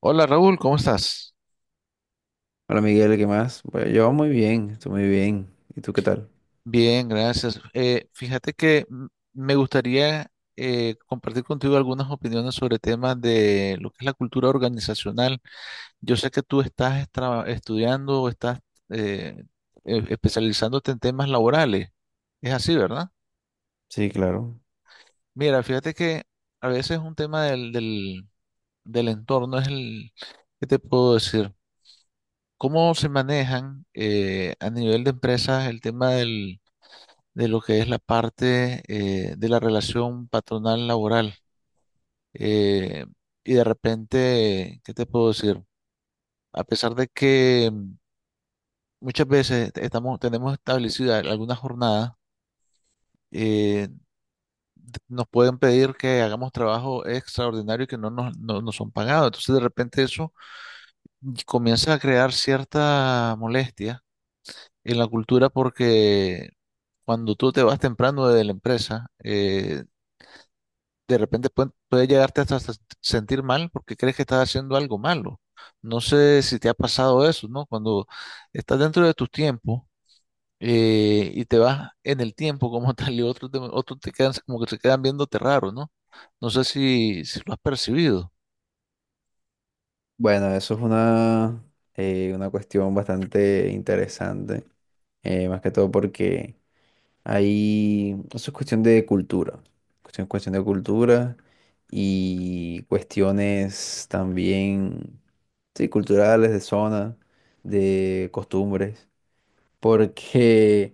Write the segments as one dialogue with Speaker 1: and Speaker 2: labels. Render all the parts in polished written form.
Speaker 1: Hola Raúl, ¿cómo estás?
Speaker 2: Hola Miguel, ¿qué más? Bueno, yo muy bien, estoy muy bien. ¿Y tú qué tal?
Speaker 1: Bien, gracias. Fíjate que me gustaría compartir contigo algunas opiniones sobre temas de lo que es la cultura organizacional. Yo sé que tú estás estudiando o estás eh, especializándote en temas laborales. Es así, ¿verdad?
Speaker 2: Sí, claro.
Speaker 1: Mira, fíjate que a veces un tema del entorno es el, ¿qué te puedo decir? ¿Cómo se manejan a nivel de empresas el tema del de lo que es la parte de la relación patronal laboral? Eh, y de repente, ¿qué te puedo decir? A pesar de que muchas veces estamos, tenemos establecida alguna jornada, eh, nos pueden pedir que hagamos trabajo extraordinario y que no nos son pagados. Entonces, de repente eso comienza a crear cierta molestia en la cultura porque cuando tú te vas temprano de la empresa, de repente puede llegarte hasta sentir mal porque crees que estás haciendo algo malo. No sé si te ha pasado eso, ¿no? Cuando estás dentro de tus tiempos y te vas en el tiempo como tal y otros te quedan como que se quedan viéndote raro, ¿no? No sé si, si lo has percibido.
Speaker 2: Bueno, eso es una cuestión bastante interesante, más que todo porque ahí eso es cuestión de cultura, cuestión de cultura y cuestiones también, sí, culturales, de zona, de costumbres, porque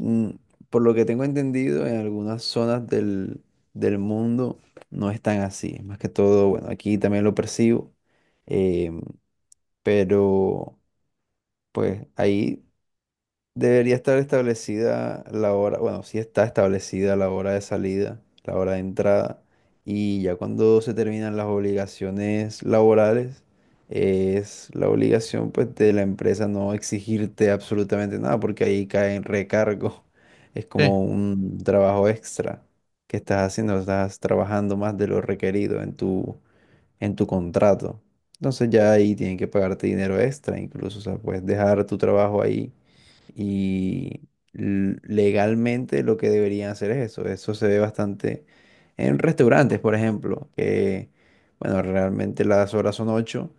Speaker 2: Mm, por lo que tengo entendido, en algunas zonas del mundo no es tan así. Más que todo, bueno, aquí también lo percibo. em, pero pues ahí debería estar establecida la hora, bueno, sí está establecida la hora de salida, la hora de entrada, y ya cuando se terminan las obligaciones laborales, es la obligación pues de la empresa no exigirte absolutamente nada, porque ahí cae en recargo, es
Speaker 1: Sí,
Speaker 2: como un trabajo extra que estás haciendo, estás trabajando más de lo requerido en tu contrato. Entonces ya ahí tienen que pagarte dinero extra, incluso, o sea, puedes dejar tu trabajo ahí y legalmente lo que deberían hacer es eso. Eso se ve bastante en restaurantes, por ejemplo, que, bueno, realmente las horas son ocho,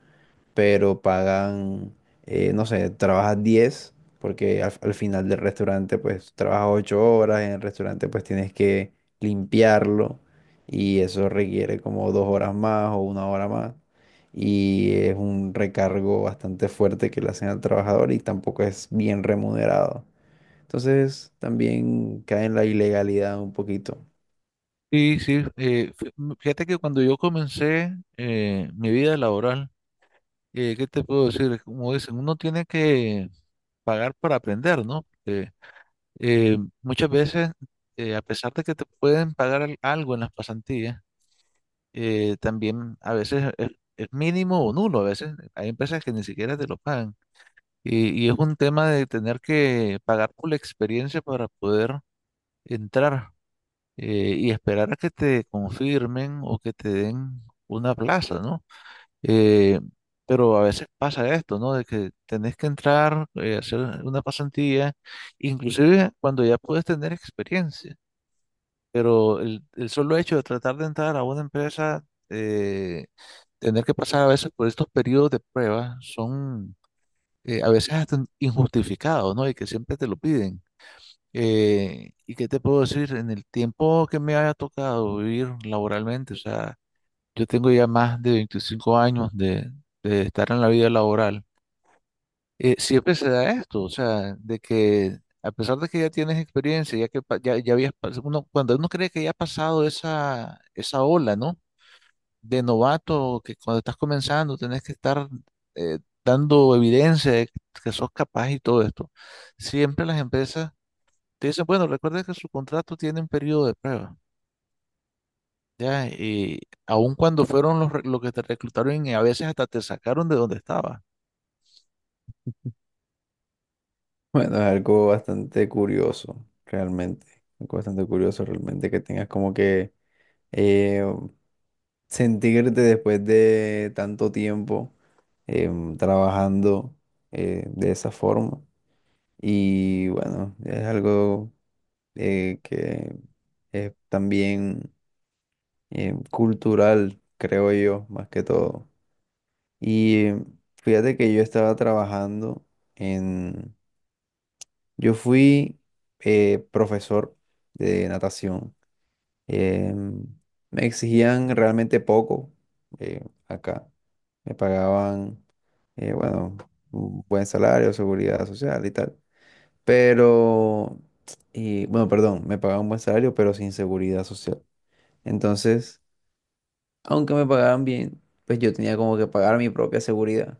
Speaker 2: pero pagan, no sé, trabajas 10 porque al final del restaurante pues trabajas 8 horas, en el restaurante pues tienes que limpiarlo y eso requiere como dos horas más o una hora más y es un recargo bastante fuerte que le hacen al trabajador y tampoco es bien remunerado. Entonces también cae en la ilegalidad un poquito.
Speaker 1: sí, sí. Fíjate que cuando yo comencé mi vida laboral, ¿qué te puedo decir? Como dicen, uno tiene que pagar para aprender, ¿no? Muchas veces, a pesar de que te pueden pagar algo en las pasantías, también a veces es mínimo o nulo. A veces hay empresas que ni siquiera te lo pagan. Y es un tema de tener que pagar por la experiencia para poder entrar y esperar a que te confirmen o que te den una plaza, ¿no? Eh, pero a veces pasa esto, ¿no? De que tenés que entrar, hacer una pasantía, inclusive cuando ya puedes tener experiencia. Pero el solo hecho de tratar de entrar a una empresa, eh, tener que pasar a veces por estos periodos de prueba, son a veces hasta injustificados, ¿no? Y que siempre te lo piden. ¿Y qué te puedo decir? En el tiempo que me haya tocado vivir laboralmente, o sea, yo tengo ya más de 25 años de estar en la vida laboral, siempre se da esto, o sea, de que a pesar de que ya tienes experiencia, ya que ya habías, cuando uno cree que ya ha pasado esa ola, ¿no? De novato, que cuando estás comenzando tenés que estar eh, dando evidencia de que sos capaz y todo esto. Siempre las empresas te dicen, bueno, recuerda que su contrato tiene un periodo de prueba, ¿ya? Y aun cuando fueron los que te reclutaron y a veces hasta te sacaron de donde estabas.
Speaker 2: Bueno, es algo bastante curioso, realmente. Algo bastante curioso realmente que tengas como que eh, sentirte después de tanto tiempo trabajando de esa forma. Y bueno, es algo que es también cultural, creo yo, más que todo. Y fíjate que yo estaba trabajando en... Yo fui profesor de natación. Em, Me exigían realmente poco acá. Me pagaban, bueno, un buen salario, seguridad social y tal. Pero, y, bueno, perdón, me pagaban un buen salario, pero sin seguridad social. Entonces, aunque me pagaban bien, pues yo tenía como que pagar mi propia seguridad.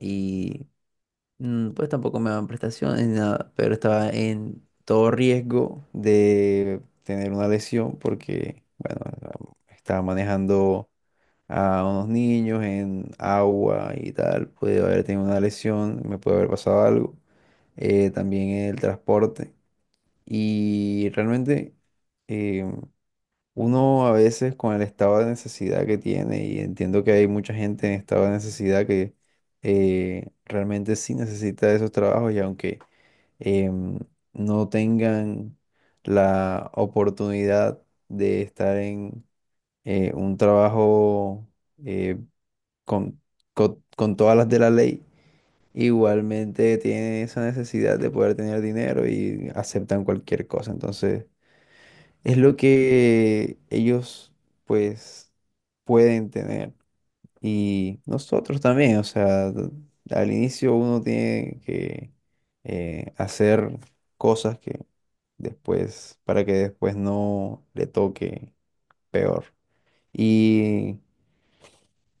Speaker 2: Y pues tampoco me daban prestaciones ni nada, pero estaba en todo riesgo de tener una lesión porque, bueno, estaba manejando a unos niños en agua y tal, puede haber tenido una lesión, me puede haber pasado algo. También el transporte. Y realmente eh, uno a veces con el estado de necesidad que tiene, y entiendo que hay mucha gente en estado de necesidad que realmente sí necesita esos trabajos y aunque em, no tengan la oportunidad de estar en un trabajo eh, con, con todas las de la ley, igualmente tienen esa necesidad de poder tener dinero y aceptan cualquier cosa. Entonces, es lo que ellos, pues, pueden tener. Y nosotros también, o sea, al inicio uno tiene que hacer cosas que después, para que después no le toque peor. Y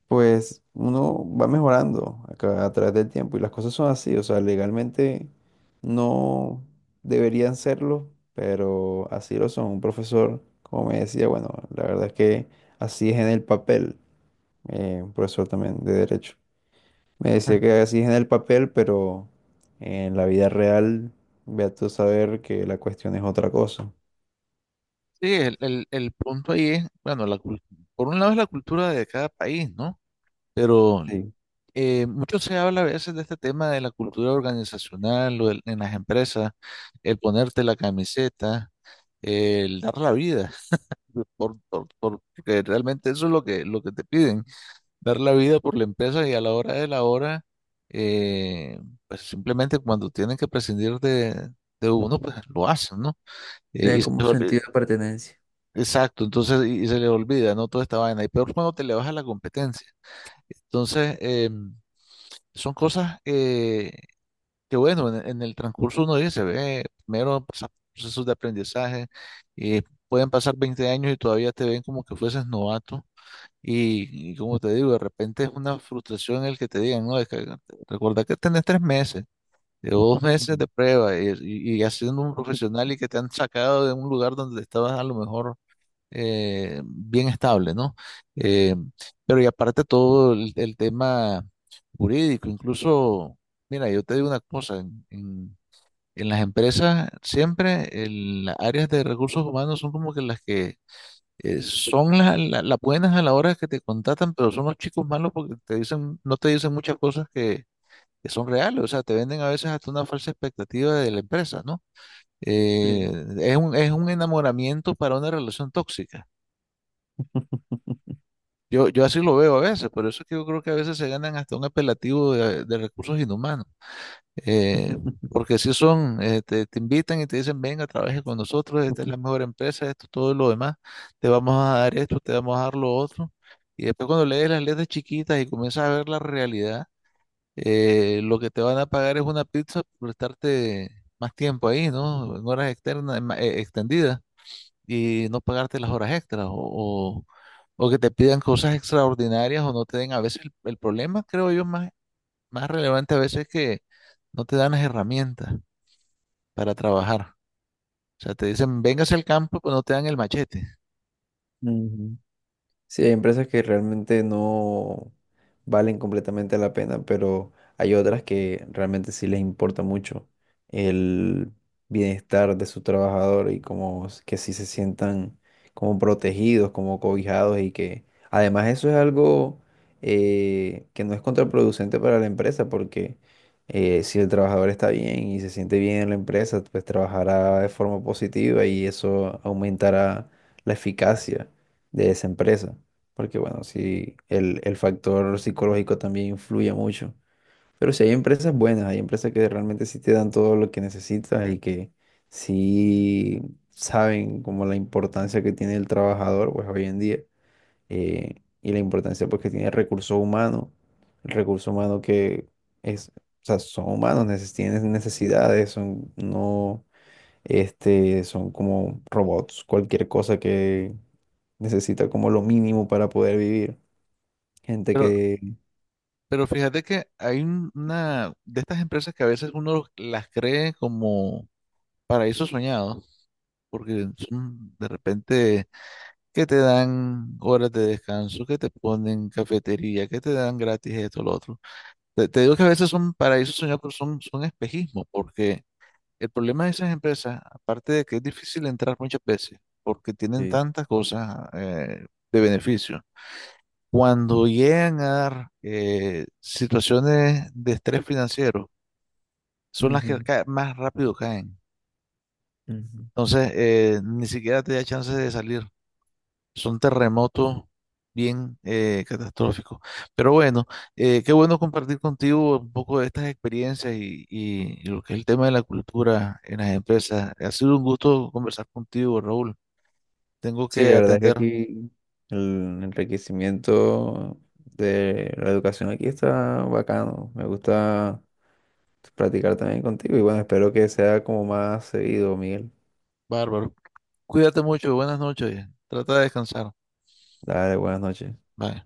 Speaker 2: pues uno va mejorando a, a través del tiempo y las cosas son así, o sea, legalmente no deberían serlo, pero así lo son. Un profesor, como me decía, bueno, la verdad es que así es en el papel, un profesor también de derecho. Me decía que así es en el papel, pero en la vida real, ve tú a saber que la cuestión es otra cosa.
Speaker 1: Sí, el punto ahí es, bueno, por un lado es la cultura de cada país, ¿no? Pero
Speaker 2: Sí.
Speaker 1: mucho se habla a veces de este tema de la cultura organizacional o en las empresas, el ponerte la camiseta, el dar la vida, porque realmente eso es lo que te piden, dar la vida por la empresa y a la hora de la hora, eh, pues simplemente cuando tienen que prescindir de uno, pues lo hacen, ¿no? Eh,
Speaker 2: Tener
Speaker 1: y se,
Speaker 2: como sentido de pertenencia.
Speaker 1: Exacto, entonces y se le olvida, ¿no? Toda esta vaina. Y peor cuando te le baja la competencia. Entonces, son cosas que, bueno, en el transcurso uno dice, ve, primero pasas procesos de aprendizaje, y pueden pasar 20 años y todavía te ven como que fueses novato. Y como te digo, de repente es una frustración el que te digan, no, es que recuerda que tenés 3 meses o 2 meses
Speaker 2: Ujú.
Speaker 1: de prueba y haciendo un profesional y que te han sacado de un lugar donde estabas a lo mejor bien estable, ¿no? Eh, pero y aparte todo el tema jurídico, incluso, mira, yo te digo una cosa, en las empresas siempre las áreas de recursos humanos son como que las que son las buenas a la hora que te contratan, pero son los chicos malos porque te dicen, no te dicen muchas cosas que son reales, o sea, te venden a veces hasta una falsa expectativa de la empresa, ¿no? Eh,
Speaker 2: Sí.
Speaker 1: es es un enamoramiento para una relación tóxica. Yo así lo veo a veces, por eso es que yo creo que a veces se ganan hasta un apelativo de recursos inhumanos. Eh, Porque si son, te invitan y te dicen, venga, trabaje con nosotros, esta es la mejor empresa, esto, todo lo demás, te vamos a dar esto, te vamos a dar lo otro. Y después cuando lees las letras chiquitas y comienzas a ver la realidad, lo que te van a pagar es una pizza por estarte más tiempo ahí, ¿no? En horas externas, extendidas y no pagarte las horas extras o que te pidan cosas extraordinarias o no te den a veces el problema, creo yo, más relevante a veces es que no te dan las herramientas para trabajar. O sea, te dicen, véngase al campo, pero no te dan el machete.
Speaker 2: Ujú. Sí, hay empresas que realmente no valen completamente la pena, pero hay otras que realmente sí les importa mucho el bienestar de su trabajador y como que sí se sientan como protegidos, como cobijados y que además eso es algo que no es contraproducente para la empresa porque si el trabajador está bien y se siente bien en la empresa, pues trabajará de forma positiva y eso aumentará la eficacia de esa empresa. Porque bueno, sí, el factor psicológico también influye mucho. Pero sí hay empresas buenas, hay empresas que realmente sí te dan todo lo que necesitas y que sí saben como la importancia que tiene el trabajador, pues hoy en día, eh, y la importancia pues que tiene el recurso humano que es, o sea, son humanos, tienen necesidades, son, no, este, son como robots, cualquier cosa necesita como lo mínimo para poder vivir. Gente
Speaker 1: Pero,
Speaker 2: que...
Speaker 1: pero fíjate que hay una de estas empresas que a veces uno las cree como paraísos soñados, porque son de repente que te dan horas de descanso, que te ponen cafetería, que te dan gratis esto, lo otro. Te digo que a veces son paraísos soñados, pero son espejismo, porque el problema de esas empresas, aparte de que es difícil entrar muchas veces, porque tienen
Speaker 2: Sí,
Speaker 1: tantas cosas de beneficio, cuando llegan a dar situaciones de estrés financiero, son las que
Speaker 2: ujú,
Speaker 1: más rápido caen.
Speaker 2: ujú.
Speaker 1: Entonces, ni siquiera te da chance de salir. Son terremotos bien catastrófico. Pero bueno, qué bueno compartir contigo un poco de estas experiencias y lo que es el tema de la cultura en las empresas. Ha sido un gusto conversar contigo, Raúl. Tengo
Speaker 2: Sí, la
Speaker 1: que
Speaker 2: verdad es que
Speaker 1: atender.
Speaker 2: aquí el enriquecimiento de la educación aquí está bacano. Me gusta practicar también contigo y bueno, espero que sea como más seguido, Miguel.
Speaker 1: Bárbaro. Cuídate mucho. Buenas noches. Trata de descansar.
Speaker 2: Dale, buenas noches.
Speaker 1: Bye.